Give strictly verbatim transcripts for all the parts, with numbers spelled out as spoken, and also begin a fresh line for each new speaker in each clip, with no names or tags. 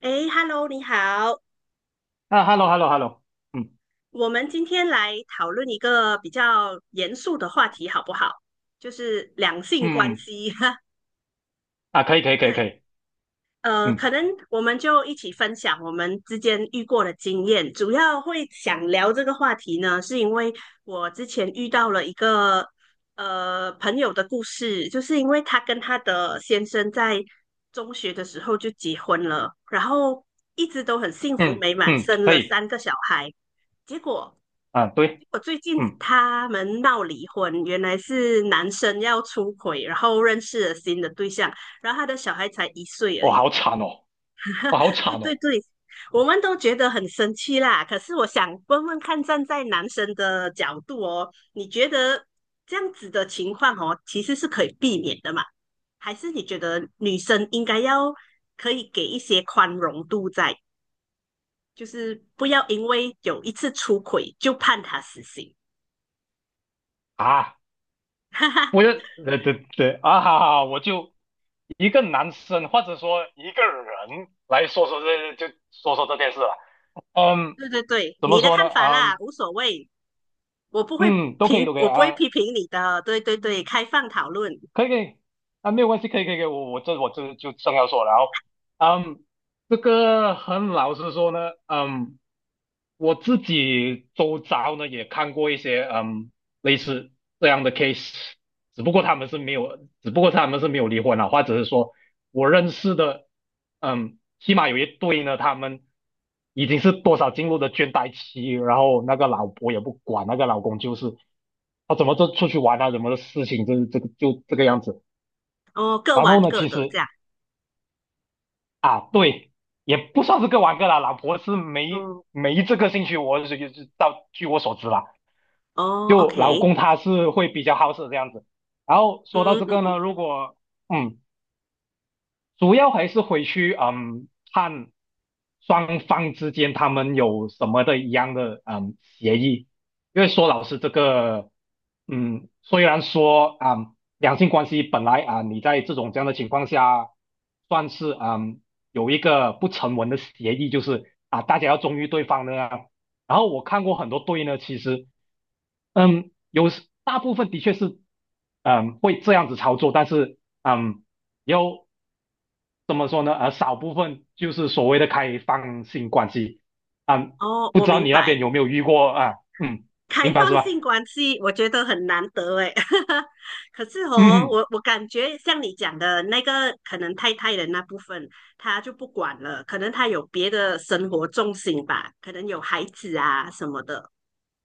哎，Hello，你好，
啊，hello，hello，hello，嗯
我们今天来讨论一个比较严肃的话题，好不好？就是两性
嗯
关
嗯，
系。
啊，可以，可以，可以，可
对，
以，
呃，可
嗯
能我们就一起分享我们之间遇过的经验。主要会想聊这个话题呢，是因为我之前遇到了一个呃朋友的故事，就是因为她跟她的先生在中学的时候就结婚了，然后一直都很幸福
嗯
美满，
嗯，
生
可
了
以，
三个小孩。结果
啊，对，
我最近
嗯，
他们闹离婚，原来是男生要出轨，然后认识了新的对象，然后他的小孩才一岁而
我
已。
好惨哦，我好
对
惨
对
哦，
对，我们都觉得很生气啦。可是我想问问看，站在男生的角度哦，你觉得这样子的情况哦，其实是可以避免的嘛？还是你觉得女生应该要可以给一些宽容度在，就是不要因为有一次出轨就判他死刑？
啊，
哈哈，
我要，对对对，啊，哈哈，我就一个男生或者说一个人来说说这，就说说这件事了，嗯，
对对对，
怎么
你的
说呢，
看法啦，
嗯
无所谓，我不会
嗯，都可以，
评，
都可以
我不会
啊，
批评你的。对对对，开放讨论，
可以，可以，啊，没有关系，可以，可以，可以，我我这我这就正要说了，然后，嗯，这个很老实说呢，嗯。我自己周遭呢也看过一些嗯类似这样的 case，只不过他们是没有，只不过他们是没有离婚啊，或者是说我认识的，嗯，起码有一对呢，他们已经是多少进入的倦怠期，然后那个老婆也不管，那个老公就是他怎么就出去玩啊，怎么的事情就是这个就这个样子。
哦，各
然后
玩
呢，
各
其
的这
实
样。
啊，对。也不算是各玩各啦，老婆是没
哦
没这个兴趣，我是是到据我所知啦。
哦
就老
，OK，
公他是会比较好色这样子。然后
嗯
说到这
嗯
个
嗯，
呢，如果嗯，主要还是回去嗯看双方之间他们有什么的一样的嗯协议，因为说老师这个嗯，虽然说啊、嗯两性关系本来啊、你在这种这样的情况下算是嗯有一个不成文的协议，就是啊大家要忠于对方的啊。然后我看过很多对呢，其实嗯，有时大部分的确是，嗯，会这样子操作，但是，嗯，有怎么说呢？呃，少部分就是所谓的开放性关系，嗯，
哦，
不
我
知道
明
你那
白。
边有没有遇过啊？嗯，
开
明白是
放
吧？
性关系，我觉得很难得诶。可是哦，
嗯嗯
我我感觉像你讲的那个，可能太太的那部分，他就不管了，可能他有别的生活重心吧，可能有孩子啊什么的。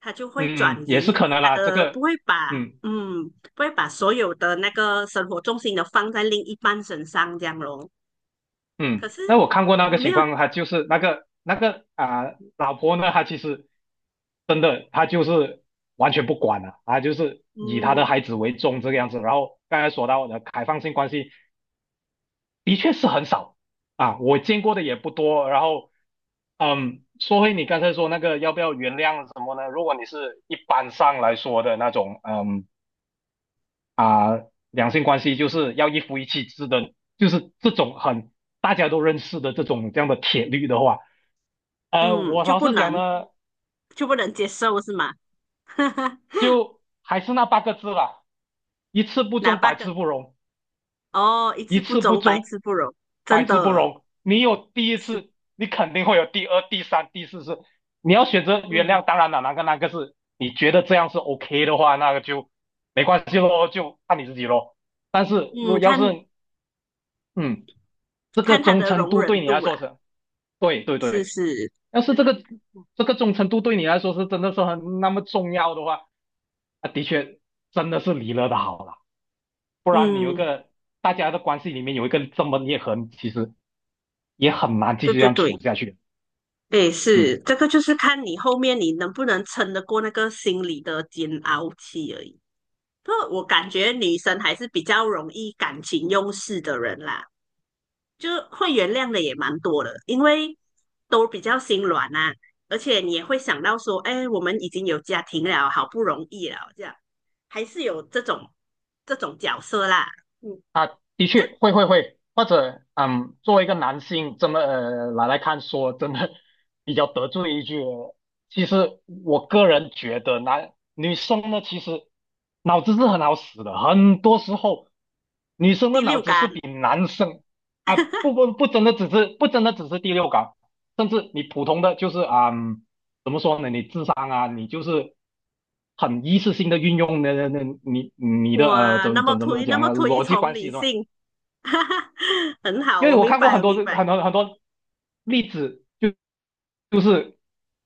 他就会
嗯
转
嗯，也是
移
可能
他
啦，这
的，不
个，
会把
嗯。
嗯，不会把所有的那个生活重心都放在另一半身上这样咯。可
嗯，
是
那我看过那
你
个
有没
情
有
况，他就是那个那个啊、老婆呢，她其实真的，她就是完全不管了，她就是以她的
嗯
孩子为重这个样子。然后刚才说到的开放性关系，的确是很少啊，我见过的也不多。然后，嗯，说回你刚才说那个要不要原谅什么呢？如果你是一般上来说的那种，嗯。啊、两性关系就是要一夫一妻制的，就是这种很大家都认识的这种这样的铁律的话，呃，
嗯
我
就
老
不
实讲
能
呢，
就不能接受是吗？
就还是那八个字啦，一次不
哪
忠，
八
百
个？
次不容；
哦，一
一
次不
次不
忠，百
忠，
次不容，
百
真
次不
的
容。你有第一
是
次，你肯定会有第二、第三、第四次。你要选择原
嗯
谅，当然了，哪个哪个是你觉得这样是 OK 的话，那个就没关系咯，就看你自己咯。但是如果
嗯，
要
看
是嗯。这个
看他
忠
的
诚
容
度
忍
对你来
度啦，
说是，对对
是
对，
是。
要是这个这个忠诚度对你来说是真的是很那么重要的话，啊，的确真的是离了的好了。
嗯，
大家的关系里面有一个这么裂痕，其实也很难继
对
续这
对
样处
对，
下去。
对，
嗯，
是，这个就是看你后面你能不能撑得过那个心理的煎熬期而已。不过我感觉女生还是比较容易感情用事的人啦，就会原谅的也蛮多的，因为都比较心软啊，而且你也会想到说，哎，我们已经有家庭了，好不容易了，这样还是有这种这种角色啦。嗯，
啊，的
这样。
确会会会，或者嗯，作为一个男性这么呃来来看说，真的比较得罪一句哦。其实我个人觉得男女生呢，其实脑子是很好使的，很多时候女生的
第
脑
六
子是
感，
比男生啊，不不不，真的只是不真的只是第六感，甚至你普通的就是啊、嗯怎么说呢？你智商啊，你就是很一次性的运用那那那你你的呃
哇，那
怎
么
怎怎么
推那
讲
么
呢？
推
逻辑
崇
关系
女
是吧？
性，哈哈，很好，
因为
我
我
明
看过
白，
很
我
多
明白，
很多很多例子，就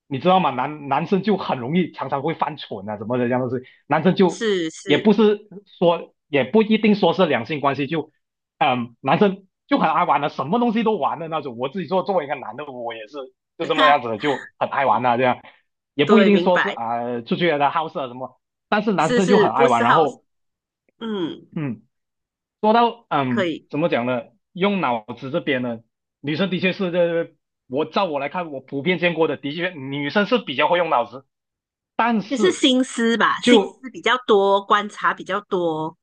你知道吗？男男生就很容易常常会犯蠢啊，什么的这样东西。男生就
是
也
是，
不是说也不一定说是两性关系，就嗯，男生就很爱玩的，什么东西都玩的那种。我自己做作为一个男的，我也是就 这么样
哈，
子的，就很爱玩啊，这样也不一
对，
定
明
说是
白，
啊、呃出去的好色啊什么，但是男
是
生就
是，
很
不
爱玩。
是
然
好，
后
嗯，
嗯，说到
可
嗯
以。
怎么讲呢？用脑子这边呢，女生的确是这。我照我来看，我普遍见过的，的确女生是比较会用脑子，但
就是
是
心思吧，心
就
思比较多，观察比较多。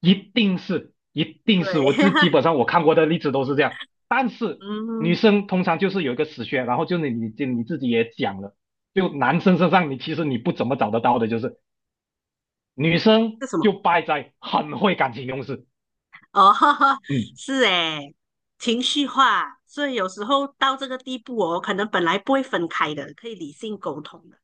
一定是一
对，
定是我这基 本上我看过的例子都是这样，但是女
嗯，
生通常就是有一个死穴，然后就是你你就你自己也讲了，就男生身上你其实你不怎么找得到的，就是女生
是什么？
就败在很会感情用事，
哦，
嗯，
是诶，情绪化，所以有时候到这个地步哦，可能本来不会分开的，可以理性沟通的，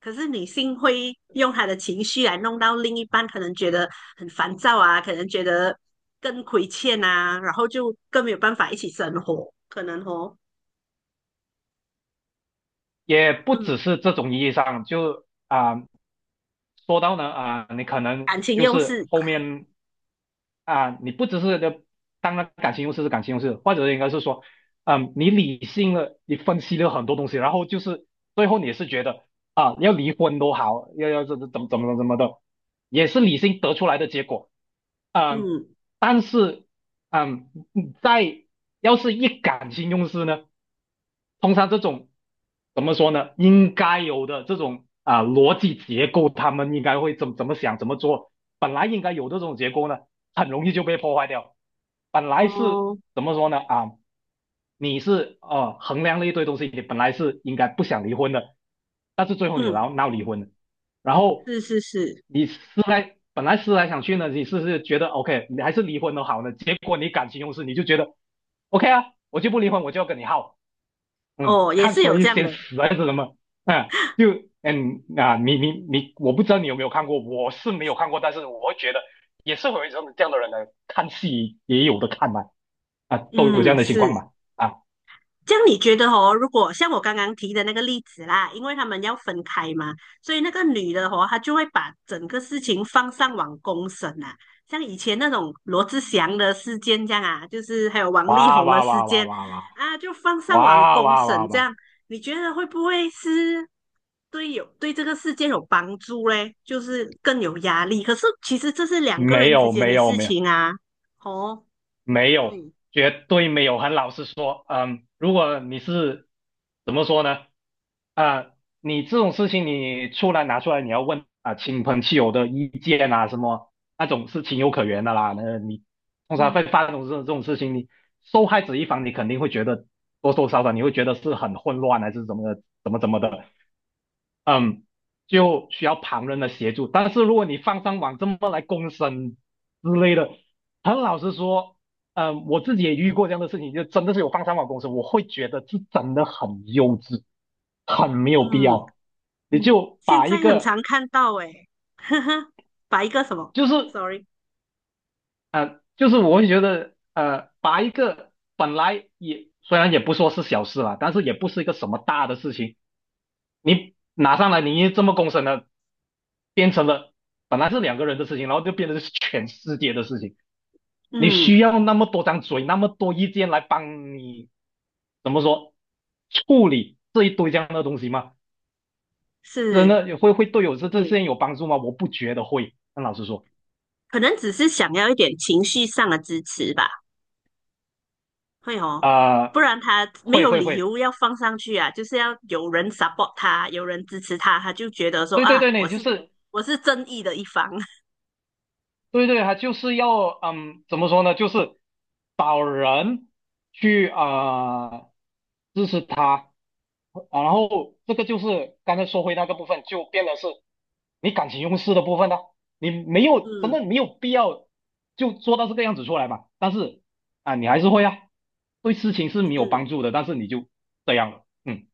可是女性会用她的情绪来弄到另一半，可能觉得很烦躁啊，可能觉得更亏欠啊，然后就更没有办法一起生活，可能哦，
也不只
嗯，
是这种意义上，就啊、呃说到呢啊、你可能
感情
就
用
是
事，
后面啊、你不只是当然感情用事是感情用事，或者应该是说，嗯，你理性了，你分析了很多东西，然后就是最后你是觉得啊、要离婚都好，要要怎怎怎么怎么怎么的，也是理性得出来的结果，嗯，
嗯，
但是嗯，在要是一感情用事呢？通常这种怎么说呢？应该有的这种啊、逻辑结构，他们应该会怎怎么想、怎么做？本来应该有的这种结构呢，很容易就被破坏掉。本来是
哦，
怎么说呢？啊，你是呃衡量了一堆东西，你本来是应该不想离婚的，但是最后你
嗯，
闹闹离婚了，然后
是是是。
你思来本来思来想去呢，你是是觉得 OK，你还是离婚都好呢，结果你感情用事，你就觉得 OK 啊，我就不离婚，我就要跟你耗。嗯，
哦，也
看
是
说
有
一
这样
些
的，
死还是什么？嗯，就嗯啊，你你你，我不知道你有没有看过，我是没有看过，但是我觉得也是会有这种这样的人来看戏也有的看嘛，啊，都有这样
嗯，
的情
是。
况嘛，啊，
这样你觉得哦，如果像我刚刚提的那个例子啦，因为他们要分开嘛，所以那个女的哦，她就会把整个事情放上网公审啊，像以前那种罗志祥的事件这样啊，就是还有王力
哇
宏的
哇
事
哇哇
件
哇哇
啊，就放上网
哇
公
哇哇
审这
哇，
样，你觉得会不会是对有对这个事件有帮助嘞？就是更有压力，可是其实这是两个
没
人之
有
间
没
的
有
事
没有，
情啊，哦，
没有，
对。
绝对没有。很老实说，嗯，如果你是怎么说呢？啊、你这种事情你出来拿出来，你要问啊、亲朋戚友的意见啊，什么那种是情有可原的啦。那你通常会
嗯
发生这种这种事情，你受害者一方你肯定会觉得多多少少你会觉得是很混乱啊还是怎么的，怎么怎么
嗯
的。嗯，就需要旁人的协助。但是如果你放上网这么来公审之类的，很老实说，嗯，我自己也遇过这样的事情，就真的是有放上网公审，我会觉得是真的很幼稚，很没有必
嗯，
要。你嗯就
现
把一
在很
个，
常看到诶，呵呵，把一个什么
就是
，sorry，
就是，我会觉得，呃，把一个本来也虽然也不说是小事啦，但是也不是一个什么大的事情。你拿上来，你这么公审了，变成了本来是两个人的事情，然后就变成是全世界的事情。你
嗯，
需要那么多张嘴，那么多意见来帮你怎么说处理这一堆这样的东西吗？真
是，
的会会对我这这些有帮助吗？我不觉得会。那老师说，
可能只是想要一点情绪上的支持吧，会哦，
啊、
不
呃
然他没
会
有
会
理
会，
由要放上去啊，就是要有人 support 他，有人支持他，他就觉得说
对对
啊，
对，
我
你就
是
是
我是正义的一方，
对对，他就是要嗯，怎么说呢？就是找人去啊、呃支持他，啊然后这个就是刚才说回那个部分，就变得是你感情用事的部分呢，你没 有真
嗯，
的没有必要就做到这个样子出来嘛。但是啊、你还是会啊，对事情是没有
是
帮助的，但是你就这样了，嗯，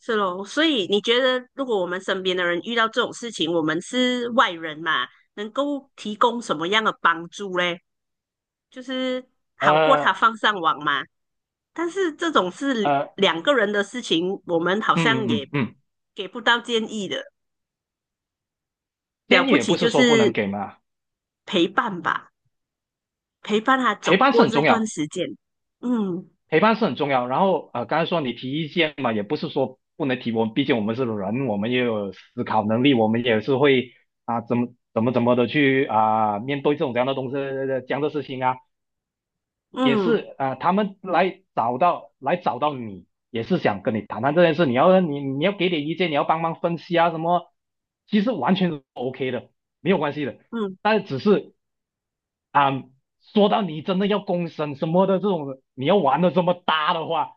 是咯，所以你觉得如果我们身边的人遇到这种事情，我们是外人嘛，能够提供什么样的帮助嘞？就是好过他
呃
放上网嘛。但是这种是
呃，
两个人的事情，我们好
嗯
像
嗯
也
嗯嗯，
给不到建议的。了
建议
不
也
起
不是
就
说不能
是
给嘛，
陪伴吧，陪伴他
陪
走
伴是
过
很
这
重
段
要。
时间。嗯
陪伴是很重要。然后呃，刚才说你提意见嘛，也不是说不能提，我们毕竟我们是人，我们也有思考能力，我们也是会啊、怎么怎么怎么的去啊、面对这种这样的东西这样的事情啊，也
嗯
是啊、他们来找到来找到你，也是想跟你谈谈这件事，你要你你要给点意见，你要帮忙分析啊什么，其实完全 OK 的，没有关系的。
嗯，
但是只是啊、说到你真的要公审什么的这种，你要玩的这么大的话，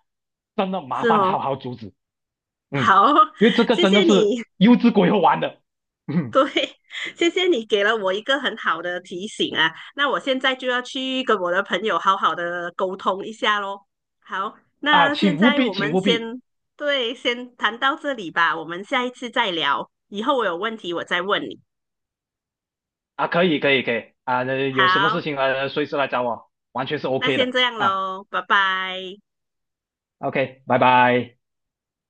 真的麻
是
烦好
哦。
好阻止，嗯，
好，
因为这 个
谢
真的
谢
是
你。
幼稚鬼会玩的，嗯
对，谢谢你给了我一个很好的提醒啊，那我现在就要去跟我的朋友好好的沟通一下喽。好，
啊，
那现
请务
在
必，
我
请
们
务必
先，对，先谈到这里吧，我们下一次再聊，以后我有问题我再问你。
啊，可以，可以，可以啊，呃有什么事
好，
情呃随时来找我，完全是
那
OK
先
的
这样
啊
喽，拜拜。
，OK，拜拜。